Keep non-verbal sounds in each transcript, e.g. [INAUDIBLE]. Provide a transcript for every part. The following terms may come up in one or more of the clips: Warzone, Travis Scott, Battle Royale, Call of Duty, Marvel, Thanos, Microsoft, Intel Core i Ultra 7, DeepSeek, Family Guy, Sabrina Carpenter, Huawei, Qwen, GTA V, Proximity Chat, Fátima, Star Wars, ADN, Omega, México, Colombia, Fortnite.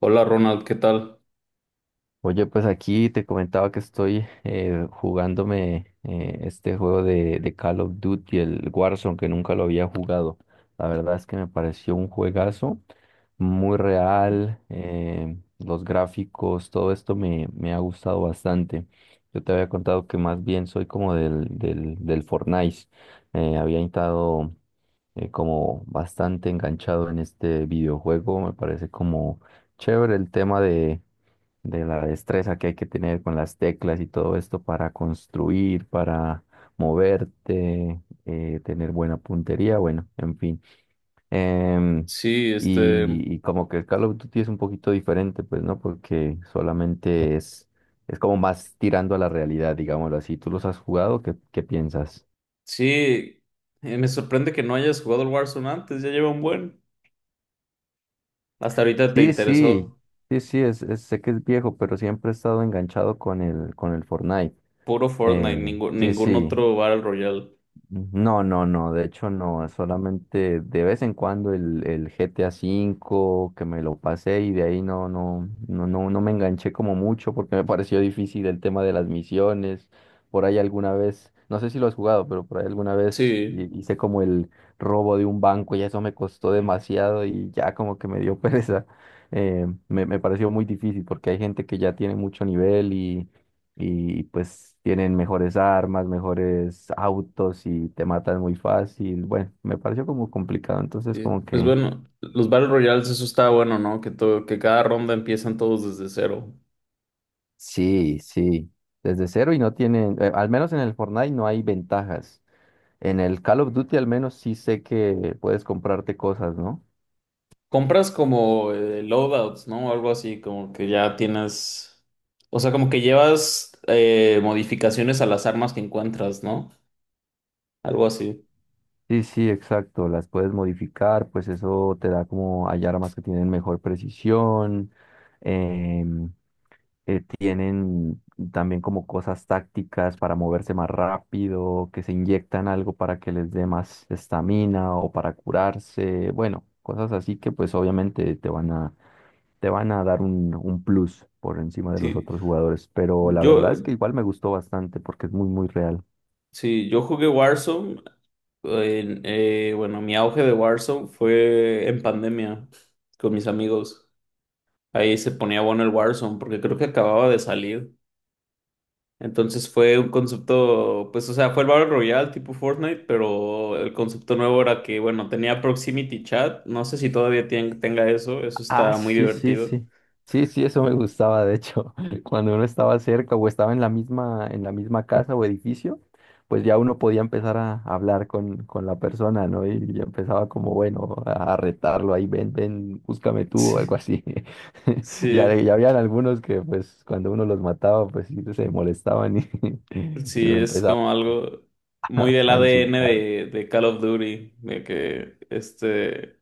Hola Ronald, ¿qué tal? Oye, pues aquí te comentaba que estoy jugándome este juego de Call of Duty, el Warzone, que nunca lo había jugado. La verdad es que me pareció un juegazo, muy real, los gráficos, todo esto me ha gustado bastante. Yo te había contado que más bien soy como del Fortnite. Había estado como bastante enganchado en este videojuego. Me parece como chévere el tema de la destreza que hay que tener con las teclas y todo esto para construir, para moverte, tener buena puntería, bueno, en fin. Em, Sí, este, y como que el Call of Duty es un poquito diferente, pues, ¿no? Porque solamente es como más tirando a la realidad, digámoslo así. ¿Tú los has jugado? ¿Qué piensas? sí, me sorprende que no hayas jugado el Warzone antes, ya lleva un buen. Hasta ahorita te Sí, sí, interesó sí, sí, sé que es viejo, pero siempre he estado enganchado con el Fortnite. puro Fortnite, Eh, sí, ningún sí. otro Battle Royale. No, no, no, de hecho no, solamente de vez en cuando el GTA V que me lo pasé y de ahí no, no, no, no, no me enganché como mucho porque me [LAUGHS] pareció difícil el tema de las misiones. Por ahí alguna vez, no sé si lo has jugado, pero por ahí alguna vez Sí, hice como el robo de un banco y eso me costó demasiado y ya como que me dio [LAUGHS] pereza. Me pareció muy difícil porque hay gente que ya tiene mucho nivel y pues tienen mejores armas, mejores autos y te matan muy fácil. Bueno, me pareció como complicado, entonces sí. como Pues que bueno, los Battle Royales, eso está bueno, ¿no? Que cada ronda empiezan todos desde cero. sí, sí, desde cero y no tienen, al menos en el Fortnite no hay ventajas. En el Call of Duty al menos sí sé que puedes comprarte cosas, ¿no? Compras como loadouts, ¿no? Algo así, como que ya tienes, o sea, como que llevas modificaciones a las armas que encuentras, ¿no? Algo así. Sí, sí, exacto, las puedes modificar, pues eso te da como hay armas que tienen mejor precisión. em, tienen también como cosas tácticas para moverse más rápido, que se inyectan algo para que les dé más estamina o para curarse, bueno, cosas así que pues obviamente te van a dar un plus por encima de los Sí, otros jugadores, pero la yo verdad es que igual me gustó bastante porque es muy, muy real. Sí, yo jugué Warzone. Bueno, mi auge de Warzone fue en pandemia con mis amigos. Ahí se ponía bueno el Warzone porque creo que acababa de salir. Entonces fue un concepto, pues, o sea, fue el Battle Royale tipo Fortnite, pero el concepto nuevo era que, bueno, tenía Proximity Chat. No sé si todavía tien- tenga eso. Eso Ah, está muy sí, sí, divertido. [LAUGHS] sí. Sí, sí, eso me gustaba, de hecho, [LAUGHS] cuando uno estaba cerca o estaba en la misma, casa o edificio, pues ya uno podía empezar a hablar con la persona, ¿no? Y ya empezaba como, bueno, a retarlo ahí, ven, ven, búscame tú o algo Sí, así. [LAUGHS] Ya, sí, ya habían algunos que, pues, cuando uno los mataba, pues sí se molestaban y, [LAUGHS] y sí, lo es empezaba como algo muy [LAUGHS] del a ADN insultar. De Call of Duty, de que este.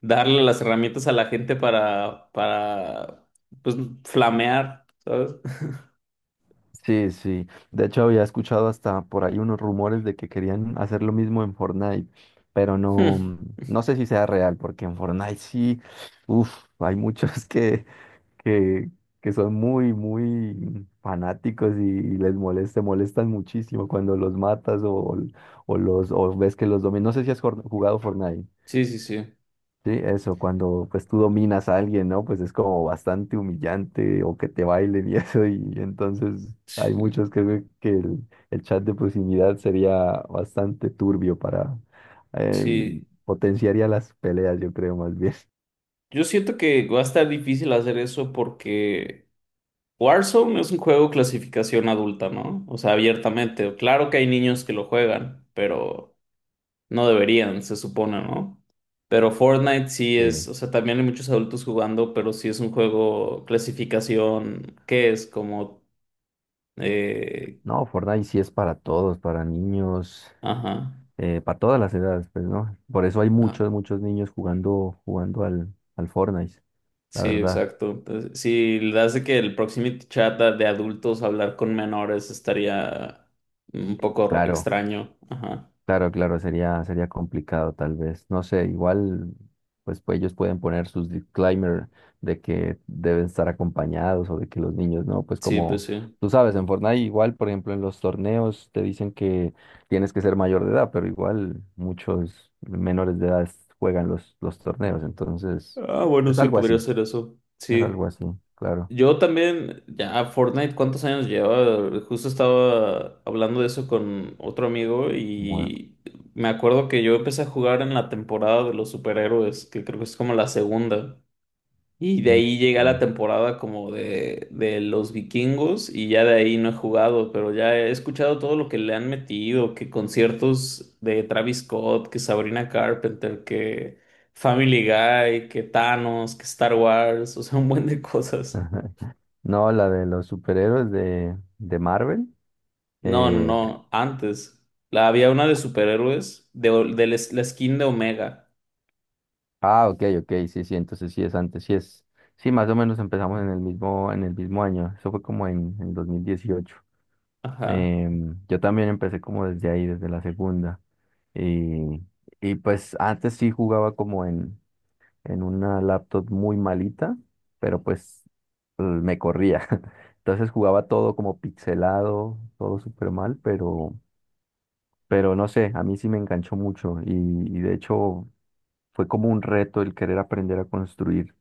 Darle las herramientas a la gente para, pues, flamear, ¿sabes? [LAUGHS] Sí, sí. De hecho, había escuchado hasta por ahí unos rumores de que querían hacer lo mismo en Fortnite, pero Hmm. no, no sé si sea real, porque en Fortnite sí, uff, hay muchos [LAUGHS] que, que son muy, muy fanáticos y les molesta, molestan muchísimo cuando los matas o los o ves que los dominan. No sé si has jugado Fortnite. Sí, sí, sí, Sí, eso, cuando pues tú dominas a alguien, ¿no? Pues es como bastante humillante o que te bailen y [LAUGHS] eso, y entonces hay sí, muchos que creen que el chat de proximidad sería bastante turbio para eh, sí. potenciaría las peleas, yo creo más bien. Yo siento que va a estar difícil hacer eso porque Warzone es un juego clasificación adulta, ¿no? O sea, abiertamente. Claro que hay niños que lo juegan, pero no deberían, se supone, ¿no? Pero Fortnite sí Sí. es, o sea, también hay muchos adultos jugando, pero sí es un juego clasificación, ¿qué es? Como, eh, No, Fortnite sí es para todos, para niños, ajá. Para todas las edades, pues, ¿no? Por eso hay Ah, muchos, muchos niños jugando, jugando al Fortnite, la sí, verdad. exacto. Entonces, si le hace que el proximity chat de adultos hablar con menores estaría un poco Claro, extraño. Ajá. claro, claro, sería complicado tal vez. No sé, igual pues ellos pueden poner sus disclaimer de que deben estar acompañados o de que los niños no, pues Sí, pues como sí. tú sabes, en Fortnite igual, por ejemplo, en los torneos te dicen que tienes que ser mayor de edad, pero igual muchos menores de edad juegan los torneos, entonces Ah, bueno, es sí, algo podría así, ser eso. es Sí. algo así, claro. Yo también, ya Fortnite, ¿cuántos años lleva? Justo estaba hablando de eso con otro amigo Bueno. y me acuerdo que yo empecé a jugar en la temporada de los superhéroes, que creo que es como la segunda. Y de ahí llega la temporada como de los vikingos y ya de ahí no he jugado, pero ya he escuchado todo lo que le han metido, que conciertos de Travis Scott, que Sabrina Carpenter, que Family Guy, que Thanos, que Star Wars, o sea, un buen de cosas. [LAUGHS] No, la de los superhéroes de Marvel. Eh, No, antes. La, había una de superhéroes, de, de la, la skin de Omega. Ah, ok, ok, sí, sí, entonces sí es antes, sí es, sí, más o menos empezamos en el mismo, año, eso fue como en 2018. Ajá. Yo también empecé como desde ahí, desde la segunda. Y, y pues antes sí jugaba como en una laptop muy malita, pero pues me corría. [LAUGHS] Entonces jugaba todo como pixelado, todo súper mal, pero no sé, a mí sí me enganchó mucho y de hecho fue como un reto el querer aprender a construir.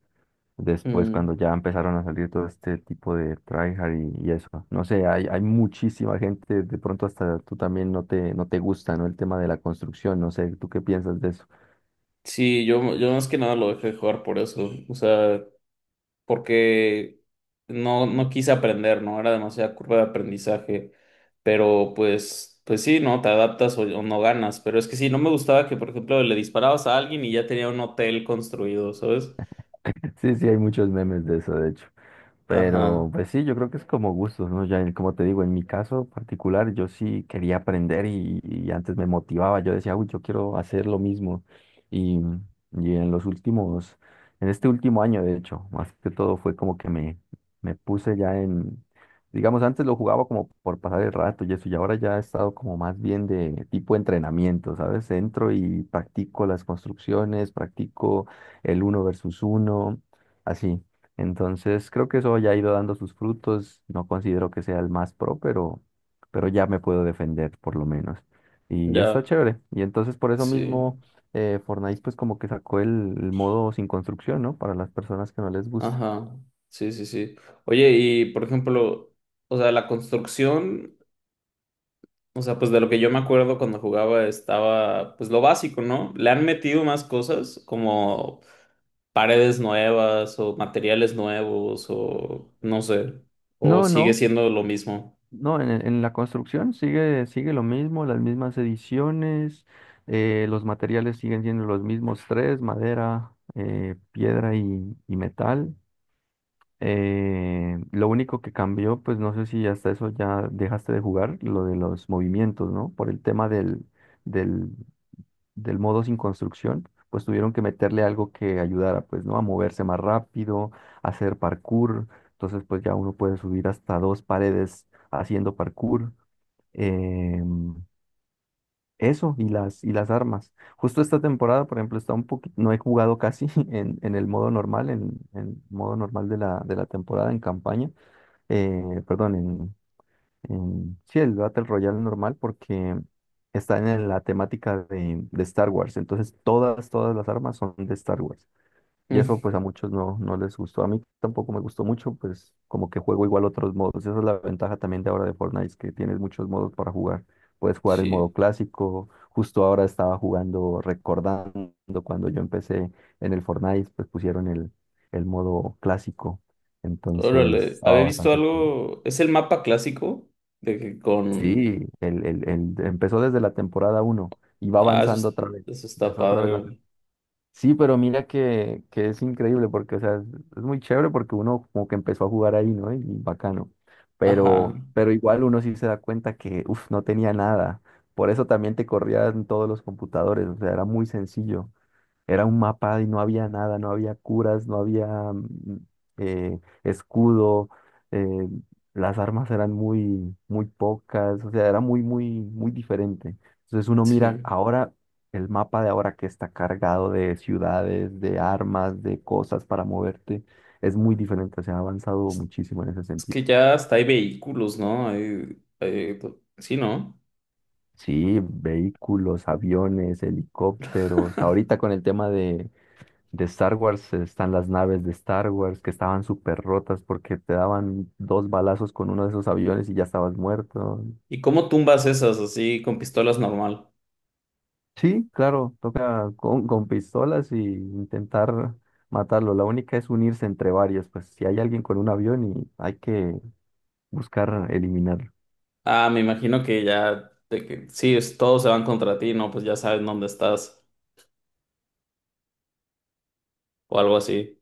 Después, cuando Mm. ya empezaron a salir todo este tipo de tryhard y eso. No sé, hay muchísima gente, de pronto hasta tú también no te gusta, ¿no? El tema de la construcción, no sé, ¿tú qué piensas de eso? Sí, yo más que nada lo dejé de jugar por eso. O sea... porque no, no quise aprender, ¿no? Era demasiada curva de aprendizaje, pero pues, pues sí, ¿no? Te adaptas o no ganas, pero es que sí, no me gustaba que, por ejemplo, le disparabas a alguien y ya tenía un hotel construido, ¿sabes? [LAUGHS] Sí, sí, hay muchos memes de eso, de hecho. Ajá, Pero pues sí, yo creo que es como gustos, ¿no? Ya como te digo, en mi caso particular, yo sí quería aprender y antes me motivaba, yo decía, uy, yo quiero hacer lo mismo. Y, y en los últimos, en este último año, de hecho, más que todo fue como que me puse ya en, digamos, antes lo jugaba como por pasar el rato y eso, y ahora ya he estado como más bien de tipo entrenamiento, ¿sabes? Entro y practico las construcciones, practico el uno versus uno, así. Entonces, creo que eso ya ha ido dando sus frutos. No considero que sea el más pro, pero ya me puedo defender por lo menos. Y ya está ya, chévere. Y entonces por eso sí, mismo Fortnite pues como que sacó el, modo sin construcción, ¿no? Para las personas que no les gusta. ajá, sí, sí, sí. Oye, y por ejemplo, o sea, la construcción, o sea, pues de lo que yo me acuerdo cuando jugaba estaba, pues lo básico, ¿no? Le han metido más cosas como paredes nuevas o materiales nuevos o no sé, o No, sigue no, siendo lo mismo. no, en la construcción sigue lo mismo, las mismas ediciones, los materiales siguen siendo los mismos tres, madera, piedra y metal. Lo único que cambió, pues no sé si hasta eso ya dejaste de jugar, lo de los movimientos, ¿no? Por el tema del, del modo sin construcción, pues tuvieron que meterle algo que ayudara, pues, ¿no? A moverse más rápido, a hacer parkour. Entonces, pues ya uno puede subir hasta dos paredes haciendo parkour. Em, eso y las armas. Justo esta temporada, por ejemplo, está un poquito, no he jugado casi [LAUGHS] en, el modo normal, en, modo normal de la temporada en campaña perdón, sí, el Battle Royale normal porque está en la temática de Star Wars. Entonces todas las armas son de Star Wars. Y Mm, eso pues a muchos no les gustó. A mí tampoco me gustó mucho, pues como que juego igual otros modos. Esa es la ventaja también de ahora de Fortnite, es que tienes muchos modos para jugar. Puedes jugar el modo sí, clásico. Justo ahora estaba jugando, recordando cuando yo empecé en el Fortnite, pues pusieron el, modo clásico. Entonces órale, había estaba visto bastante chévere. algo, es el mapa clásico de que con... Sí, empezó desde la temporada uno y va Ah, eso, avanzando otra vez. eso está Empezó otra vez la padre. sí, pero mira que es increíble porque, o sea, es muy chévere porque uno como que empezó a jugar ahí, ¿no? Y bacano. Pero, Ajá, pero igual uno sí se da cuenta que, uff, no tenía nada. Por eso también te corrían todos los computadores, o sea, era muy sencillo. Era un mapa y no había nada, no había curas, no había eh, escudo, eh, las armas eran muy, muy pocas, o sea, era muy, muy, muy diferente. Entonces uno mira sí. ahora el mapa de ahora que está cargado de ciudades, de armas, de cosas para moverte, es muy diferente, se ha avanzado muchísimo en ese Es sentido. que ya hasta hay vehículos, ¿no? Hay, sí, ¿no? Sí, vehículos, aviones, helicópteros, ahorita con el tema de Star Wars están las naves de Star Wars que estaban súper rotas porque te daban dos balazos con uno de esos aviones y ya estabas muerto. ¿Y cómo tumbas esas así con pistolas normal? Sí, claro, toca con, pistolas y intentar matarlo. La única es unirse entre varios, pues si hay alguien con un avión y hay que buscar eliminarlo. Ah, me imagino que ya, de que, sí, todos se van contra ti, ¿no? Pues ya saben dónde estás o algo así,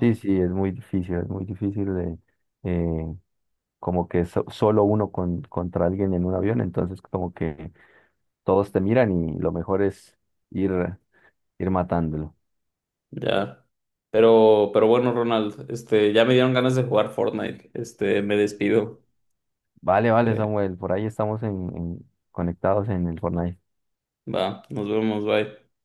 Sí, sí, es muy difícil de eh, como que solo uno contra alguien en un avión, entonces como que todos te miran y lo mejor es ir, ir, matándolo. Ya. Pero bueno, Ronald, este, ya me dieron ganas de jugar Fortnite. Este, me despido. Vale, vale, Eh, Samuel, por ahí estamos conectados en el Fortnite. va, nos vemos, bye.